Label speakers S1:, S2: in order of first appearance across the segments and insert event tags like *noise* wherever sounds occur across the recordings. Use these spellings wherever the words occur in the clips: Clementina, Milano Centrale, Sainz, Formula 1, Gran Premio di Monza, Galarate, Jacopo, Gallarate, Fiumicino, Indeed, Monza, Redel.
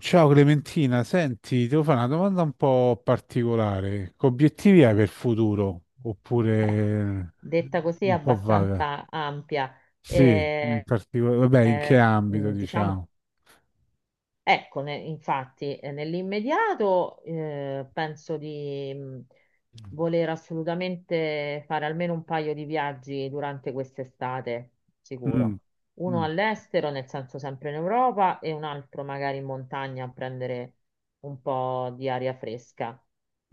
S1: Ciao Clementina, senti, ti devo fare una domanda un po' particolare. Che obiettivi hai per il futuro? Oppure
S2: Detta così è
S1: un po' vaga?
S2: abbastanza ampia.
S1: Sì, in
S2: Eh,
S1: particolare, vabbè, in che
S2: eh,
S1: ambito,
S2: diciamo,
S1: diciamo?
S2: ecco, infatti, nell'immediato penso di voler assolutamente fare almeno un paio di viaggi durante quest'estate, sicuro.
S1: Mm,
S2: Uno
S1: mm,
S2: all'estero, nel senso sempre in Europa, e un altro magari in montagna a prendere un po' di aria fresca.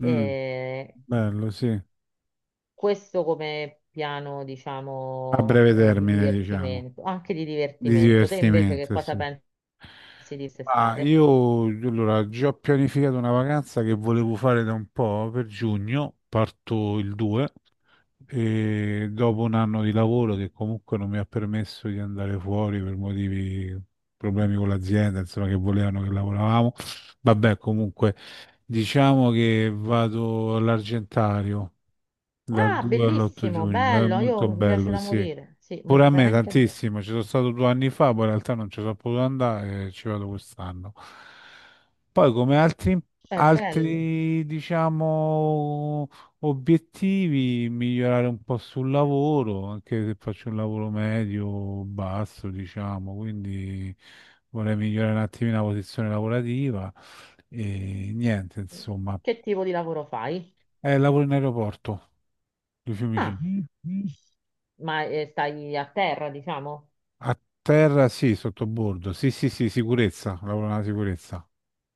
S1: mm, bello, sì. A
S2: questo come piano, diciamo,
S1: breve
S2: di
S1: termine, diciamo,
S2: divertimento, anche di
S1: di
S2: divertimento. Te invece che
S1: divertimento,
S2: cosa
S1: sì.
S2: pensi di
S1: Ah,
S2: quest'estate?
S1: io allora già ho pianificato una vacanza che volevo fare da un po' per giugno, parto il 2 e dopo un anno di lavoro che comunque non mi ha permesso di andare fuori per motivi, problemi con l'azienda, insomma che volevano che lavoravamo. Vabbè, comunque diciamo che vado all'Argentario dal
S2: Ah,
S1: 2 all'8
S2: bellissimo,
S1: giugno, è
S2: bello, io
S1: molto
S2: mi piace
S1: bello,
S2: da
S1: sì.
S2: morire. Sì,
S1: Pure a me
S2: veramente è bello.
S1: tantissimo, ci sono stato due anni fa, poi in realtà non ci sono potuto andare, e ci vado quest'anno. Poi come altri,
S2: È bello.
S1: diciamo, obiettivi, migliorare un po' sul lavoro, anche se faccio un lavoro medio, o basso, diciamo, quindi vorrei migliorare un attimino la posizione lavorativa e niente, insomma.
S2: Che tipo di lavoro fai?
S1: Lavoro in aeroporto di
S2: Ah,
S1: Fiumicino.
S2: ma stai a terra, diciamo?
S1: A terra sì, sottobordo. Sì, sì, sì, sicurezza, lavoro nella sicurezza.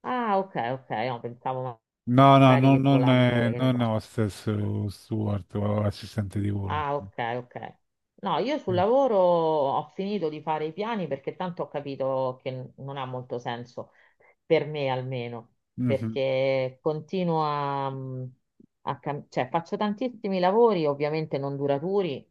S2: Ah, ok, ok, no, pensavo
S1: No, no,
S2: magari che volavi pure, che ne
S1: non
S2: so.
S1: hostess o steward o assistente di volo.
S2: Ah, ok, ok. No, io sul
S1: Sì.
S2: lavoro ho finito di fare i piani perché tanto ho capito che non ha molto senso, per me almeno,
S1: Mhm.
S2: perché continuo a, a cioè faccio tantissimi lavori, ovviamente non duraturi,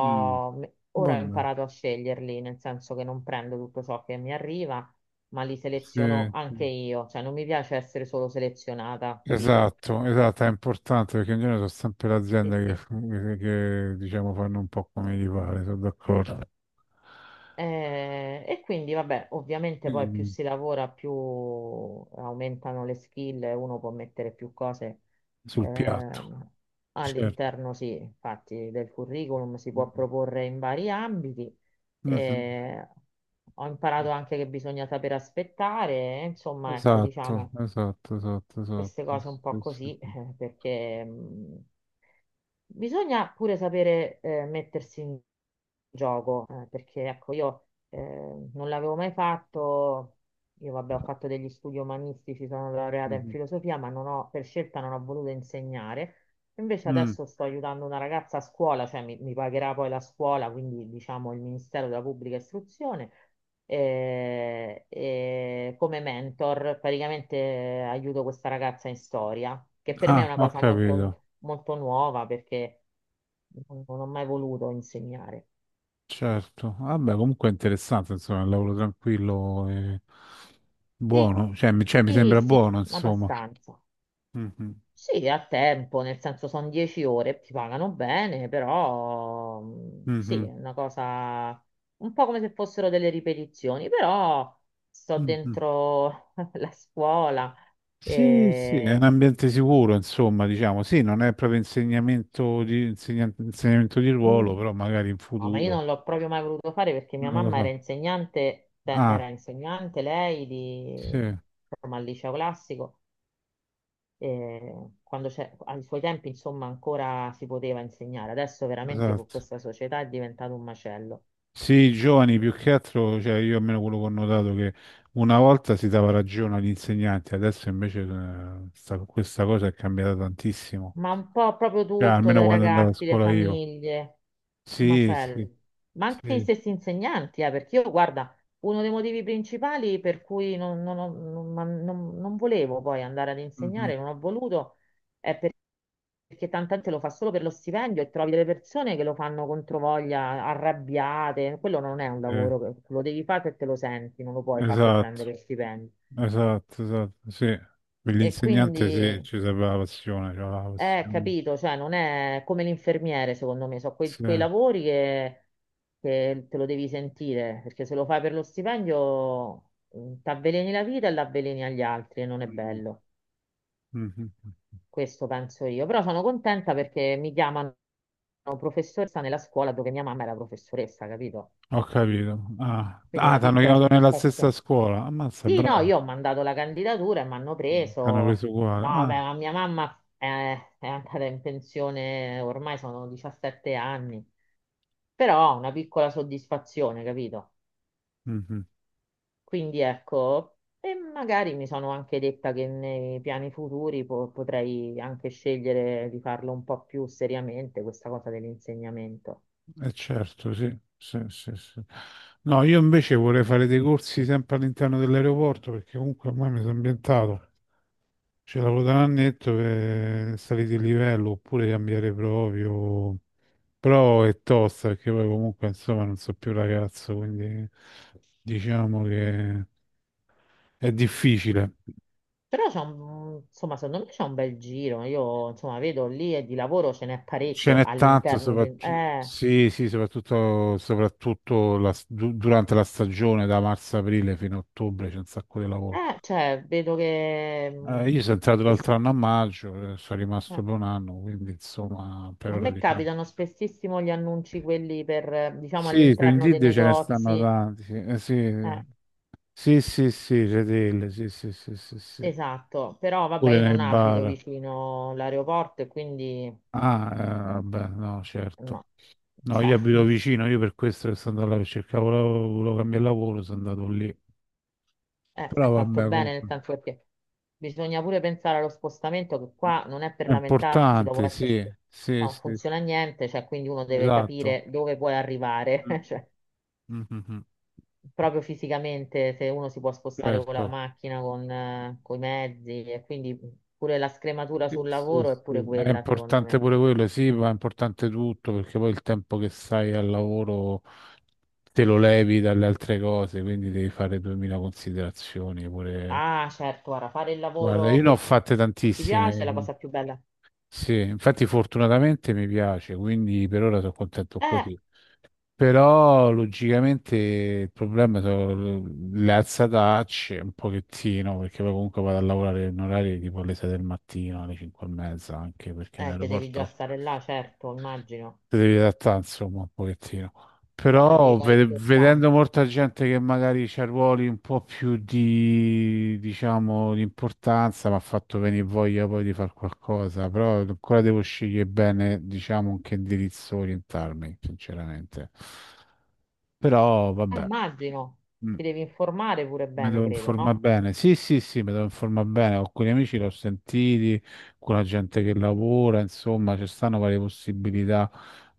S1: Mm.
S2: ora ho
S1: Vabbè.
S2: imparato a sceglierli, nel senso che non prendo tutto ciò che mi arriva, ma li
S1: Sì,
S2: seleziono anche
S1: sì.
S2: io, cioè non mi piace essere solo selezionata, capito?
S1: Esatto, esatto, è importante perché in genere sono sempre le
S2: Sì,
S1: aziende
S2: sì.
S1: che diciamo fanno un po' come gli pare, sono d'accordo.
S2: E quindi, vabbè, ovviamente poi più
S1: Mm.
S2: si lavora, più aumentano le skill, e uno può mettere più cose
S1: Sul piatto,
S2: ehm,
S1: certo.
S2: all'interno, sì, infatti, del curriculum, si può proporre in vari ambiti.
S1: Mhm.
S2: Eh, ho imparato anche che bisogna saper aspettare, insomma, ecco,
S1: Esatto,
S2: diciamo
S1: esatto, esatto,
S2: queste
S1: esatto.
S2: cose un po'
S1: Sì, sì,
S2: così, *laughs*
S1: sì.
S2: perché bisogna pure sapere mettersi in gioco, perché ecco, io non l'avevo mai fatto, io vabbè ho fatto degli studi umanistici, sono laureata in
S1: Mhm.
S2: filosofia, ma non ho, per scelta non ho voluto insegnare. Invece
S1: Mm.
S2: adesso sto aiutando una ragazza a scuola, mi pagherà poi la scuola, quindi diciamo il Ministero della Pubblica Istruzione, e come mentor praticamente aiuto questa ragazza in storia, che per me è
S1: Ah,
S2: una
S1: ho
S2: cosa
S1: capito,
S2: molto molto nuova perché non ho mai voluto insegnare.
S1: certo. Vabbè, comunque è interessante, insomma, è un lavoro tranquillo e
S2: Sì,
S1: buono, cioè, mi
S2: sì,
S1: sembra
S2: sì,
S1: buono, insomma.
S2: abbastanza.
S1: Mhm,
S2: Sì, a tempo, nel senso sono 10 ore, ti pagano bene, però sì, è
S1: mhm,
S2: una cosa un po' come se fossero delle ripetizioni, però sto
S1: mhm.
S2: dentro *laughs* la scuola
S1: Sì, sì, è un
S2: e...
S1: ambiente sicuro, insomma, diciamo, sì, non è proprio insegnamento di
S2: Mm.
S1: ruolo, però magari in
S2: No, ma io
S1: futuro.
S2: non l'ho proprio mai voluto fare perché mia
S1: Non lo
S2: mamma era
S1: so.
S2: insegnante,
S1: Ah,
S2: era insegnante lei di,
S1: sì,
S2: insomma, al liceo classico quando c'è, ai suoi tempi, insomma, ancora si poteva insegnare. Adesso veramente con
S1: esatto.
S2: questa società è diventato un macello.
S1: Sì, i giovani
S2: Eh,
S1: più che altro, cioè io almeno quello che ho notato che una volta si dava ragione agli insegnanti, adesso invece questa cosa è cambiata tantissimo.
S2: Ma un po' proprio
S1: Cioè,
S2: tutto,
S1: almeno
S2: dai
S1: quando andavo a
S2: ragazzi, le
S1: scuola io.
S2: famiglie, un
S1: Sì, sì,
S2: macello. Ma anche gli
S1: sì.
S2: stessi insegnanti, perché io, guarda, uno dei motivi principali per cui non, non ho- non- ma non- non volevo poi andare ad
S1: Mhm.
S2: insegnare, non ho voluto, è perché tanta gente lo fa solo per lo stipendio e trovi delle persone che lo fanno controvoglia, arrabbiate. Quello non è un
S1: Eh,
S2: lavoro, lo devi fare perché lo senti, non lo puoi fare per
S1: esatto,
S2: prendere lo stipendio.
S1: esatto, esatto, sì. Per
S2: E
S1: l'insegnante sì,
S2: quindi,
S1: ci serve la passione, cioè la passione.
S2: capito, cioè non è come l'infermiere, secondo me, sono
S1: Sì.
S2: quei lavori che te lo devi sentire, perché se lo fai per lo stipendio ti avveleni la vita e l'avveleni agli altri e non è
S1: Mhm.
S2: bello.
S1: Mhm.
S2: Questo penso io, però sono contenta perché mi chiamano professoressa nella scuola dove mia mamma era professoressa, capito?
S1: Ho capito. Ah,
S2: Quindi
S1: ah
S2: una
S1: ti hanno
S2: piccola
S1: chiamato nella stessa
S2: soddisfazione.
S1: scuola. Ammazza,
S2: Sì, no,
S1: bravo,
S2: io ho mandato la candidatura e mi hanno preso.
S1: ti hanno preso uguale.
S2: No,
S1: Ah.
S2: vabbè, ma mia mamma è andata in pensione ormai sono 17 anni, però una piccola soddisfazione, capito?
S1: Mhm.
S2: Quindi ecco, e magari mi sono anche detta che nei piani futuri potrei anche scegliere di farlo un po' più seriamente, questa cosa dell'insegnamento.
S1: Eh certo, sì, sì, sì, sì. No, io invece vorrei fare dei corsi sempre all'interno dell'aeroporto perché comunque ormai mi sono ambientato. Ce l'avevo da un annetto per salire di livello oppure cambiare proprio. Però è tosta perché poi comunque insomma non so più ragazzo, quindi diciamo che è difficile.
S2: Però c'è un, insomma, secondo me c'è un bel giro. Io, insomma, vedo lì e di lavoro ce n'è
S1: Ce
S2: parecchio
S1: n'è tanto,
S2: all'interno di...
S1: soprattutto, sì, sì, soprattutto, soprattutto durante la stagione da marzo-aprile fino a ottobre c'è un sacco di lavoro.
S2: Cioè, vedo
S1: Io sono entrato
S2: che
S1: l'altro
S2: sì.
S1: anno a maggio, sono
S2: Eh,
S1: rimasto per un anno, quindi insomma, per
S2: a
S1: ora
S2: me
S1: diciamo.
S2: capitano spessissimo gli annunci quelli per, diciamo,
S1: Sì, su
S2: all'interno dei
S1: Indeed ce ne stanno
S2: negozi.
S1: tanti. Sì,
S2: Eh,
S1: sì, sì, sì, sì, Redel, sì, sì, sì, sì, sì.
S2: Esatto, però vabbè,
S1: Pure
S2: io
S1: nei
S2: non abito
S1: bar.
S2: vicino l'aeroporto e quindi
S1: Ah, vabbè, no, certo.
S2: no,
S1: No,
S2: cioè,
S1: io abito
S2: *laughs*
S1: vicino, io per questo che sono andato là, perché cercavo lavoro, volevo cambiare lavoro, sono andato lì. Però
S2: hai fatto
S1: vabbè,
S2: bene nel
S1: comunque,
S2: senso perché bisogna pure pensare allo spostamento che qua non è per
S1: è
S2: lamentarsi, dopo
S1: importante,
S2: essere
S1: sì, sì,
S2: non
S1: sì, sì,
S2: funziona niente, cioè quindi uno deve
S1: esatto.
S2: capire dove puoi arrivare,
S1: Mm,
S2: *laughs* cioè
S1: mm, mm, mm.
S2: proprio fisicamente se uno si può spostare con la
S1: Certo.
S2: macchina, con, i mezzi e quindi pure la scrematura
S1: Sì,
S2: sul
S1: sì,
S2: lavoro è pure
S1: sì. È
S2: quella, secondo
S1: importante
S2: me.
S1: pure quello, sì, ma è importante tutto perché poi il tempo che stai al lavoro te lo levi dalle altre cose, quindi devi fare 2000 considerazioni pure.
S2: Ah, certo, guarda, fare il
S1: Guarda,
S2: lavoro
S1: io ne ho fatte
S2: che ti piace è la
S1: tantissime,
S2: cosa più bella.
S1: sì, infatti fortunatamente mi piace, quindi per ora sono contento
S2: Eh,
S1: così. Però logicamente il problema sono le alzatacce un pochettino, perché poi comunque vado a lavorare in orari tipo alle 6 del mattino, alle 5 e mezza, anche perché in
S2: che devi già
S1: aeroporto
S2: stare là, certo, immagino.
S1: ti devi adattare insomma un pochettino.
S2: Beh, arrivi
S1: Però
S2: parecchio
S1: vedendo
S2: stanco.
S1: molta gente che magari c'ha ruoli un po' più di, diciamo, di importanza, mi ha fatto venire voglia poi di fare qualcosa, però ancora devo scegliere bene, diciamo, in che indirizzo orientarmi, sinceramente. Però vabbè,
S2: Immagino.
S1: mm,
S2: Ti devi informare pure
S1: mi
S2: bene,
S1: devo
S2: credo, no?
S1: informare bene. Sì, sì, sì, mi devo informare bene. Con alcuni amici che l'ho sentiti, con la gente che lavora, insomma, ci stanno varie possibilità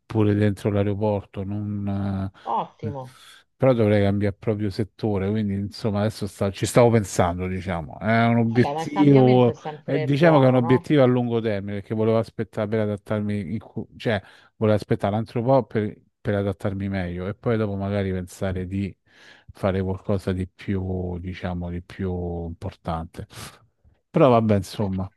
S1: pure dentro l'aeroporto. Non, Mm.
S2: Ottimo.
S1: Però dovrei cambiare proprio settore, quindi insomma adesso ci stavo pensando, diciamo. È un
S2: Vabbè, ma il cambiamento è
S1: obiettivo,
S2: sempre
S1: diciamo che è un
S2: buono, no?
S1: obiettivo a lungo termine, perché volevo aspettare per adattarmi, cioè volevo aspettare un altro po' per adattarmi meglio e poi dopo magari pensare di fare qualcosa di più, diciamo, di più importante. Però vabbè,
S2: Beh,
S1: insomma.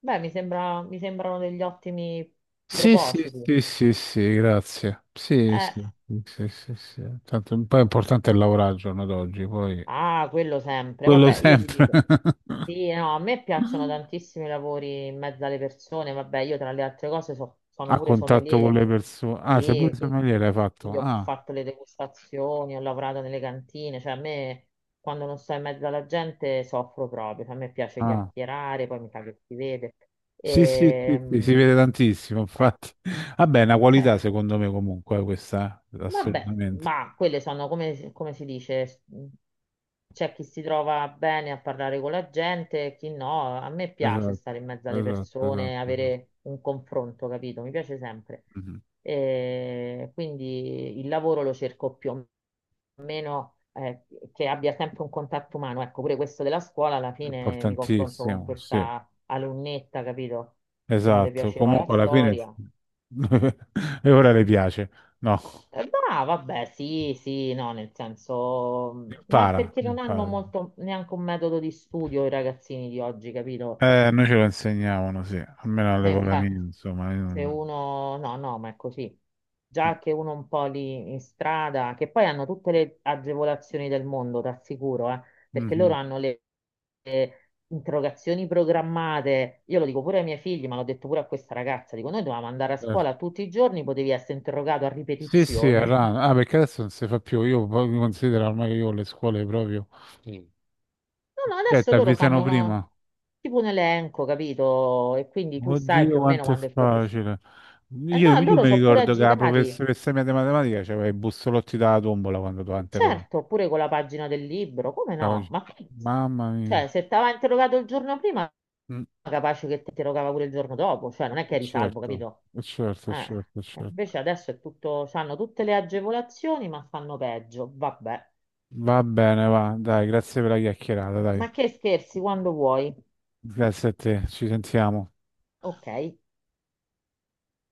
S2: beh, mi sembrano degli ottimi
S1: Sì, sì,
S2: propositi.
S1: sì, sì, sì, grazie. Sì,
S2: Eh,
S1: sì, sì, sì, sì, sì. Tanto, poi è importante il lavorare al giorno d'oggi, poi...
S2: ah, quello sempre.
S1: Quello
S2: Vabbè, io ti
S1: sempre.
S2: dico.
S1: *laughs*
S2: Sì, no, a me piacciono tantissimo i lavori in mezzo alle persone, vabbè, io tra le altre cose sono
S1: A
S2: pure
S1: contatto con
S2: sommelier,
S1: le persone. Ah, sei pure
S2: sì,
S1: sommeliere hai fatto.
S2: quindi ho
S1: Ah,
S2: fatto le degustazioni, ho lavorato nelle cantine, cioè a me quando non sto in mezzo alla gente soffro proprio, cioè, a me piace
S1: ah.
S2: chiacchierare, poi mi fa che si vede.
S1: Sì, sì, sì, sì, si
S2: Ehm,
S1: vede tantissimo, infatti.
S2: *laughs*
S1: *laughs* Vabbè, è una qualità secondo me comunque questa,
S2: vabbè,
S1: assolutamente.
S2: ma quelle sono come, c'è chi si trova bene a parlare con la gente, e chi no. A me piace
S1: Esatto,
S2: stare in mezzo alle
S1: esatto,
S2: persone,
S1: esatto. Esatto.
S2: avere un confronto, capito? Mi piace sempre.
S1: Mhm.
S2: E quindi il lavoro lo cerco più o meno che abbia sempre un contatto umano. Ecco, pure questo della scuola, alla fine mi confronto con
S1: Importantissimo, sì.
S2: questa alunnetta, capito? Che non le
S1: Esatto,
S2: piaceva la
S1: comunque alla fine...
S2: storia.
S1: *laughs* E ora le piace. No,
S2: No, vabbè, sì, sì, no, nel senso, ma
S1: impara,
S2: perché non hanno
S1: impara.
S2: molto neanche un metodo di studio i ragazzini di oggi, capito?
S1: Noi ce lo insegnavano, sì, almeno
S2: E
S1: all'epoca mia,
S2: infatti,
S1: insomma. Io
S2: se
S1: non-
S2: uno, no, no, ma è così. Già che uno un po' lì in strada, che poi hanno tutte le agevolazioni del mondo, t'assicuro, perché loro
S1: Mhm,
S2: hanno le interrogazioni programmate. Io lo dico pure ai miei figli, ma l'ho detto pure a questa ragazza, dico, noi dovevamo andare a
S1: certo.
S2: scuola tutti i giorni, potevi essere interrogato a
S1: Sì, sì, a
S2: ripetizione.
S1: rana. Ah, perché adesso non si fa più. Io poi considero ormai che io le scuole proprio. Mm.
S2: No, no,
S1: Cioè,
S2: adesso
S1: ti
S2: loro
S1: avvisano
S2: fanno
S1: prima.
S2: tipo un elenco, capito? E quindi tu sai
S1: Oddio,
S2: più o meno
S1: quanto è
S2: quando il professore...
S1: facile.
S2: Eh no,
S1: Io
S2: loro
S1: mi
S2: sono pure
S1: ricordo che la
S2: agitati.
S1: professoressa mia di matematica c'aveva i bussolotti dalla tombola quando tu
S2: E
S1: interrogavi.
S2: certo, pure con la pagina del libro, come no?
S1: Mamma
S2: Cioè,
S1: mia.
S2: se ti aveva interrogato il giorno prima,
S1: Mm,
S2: capace che ti interrogava pure il giorno dopo, cioè non è che eri salvo,
S1: Certo,
S2: capito?
S1: certo,
S2: Eh,
S1: certo, certo.
S2: invece adesso è tutto, hanno tutte le agevolazioni, ma fanno peggio. Vabbè,
S1: Va bene, va. Dai, grazie per la chiacchierata, dai.
S2: ma che scherzi quando vuoi.
S1: Grazie a te, ci sentiamo.
S2: Ok.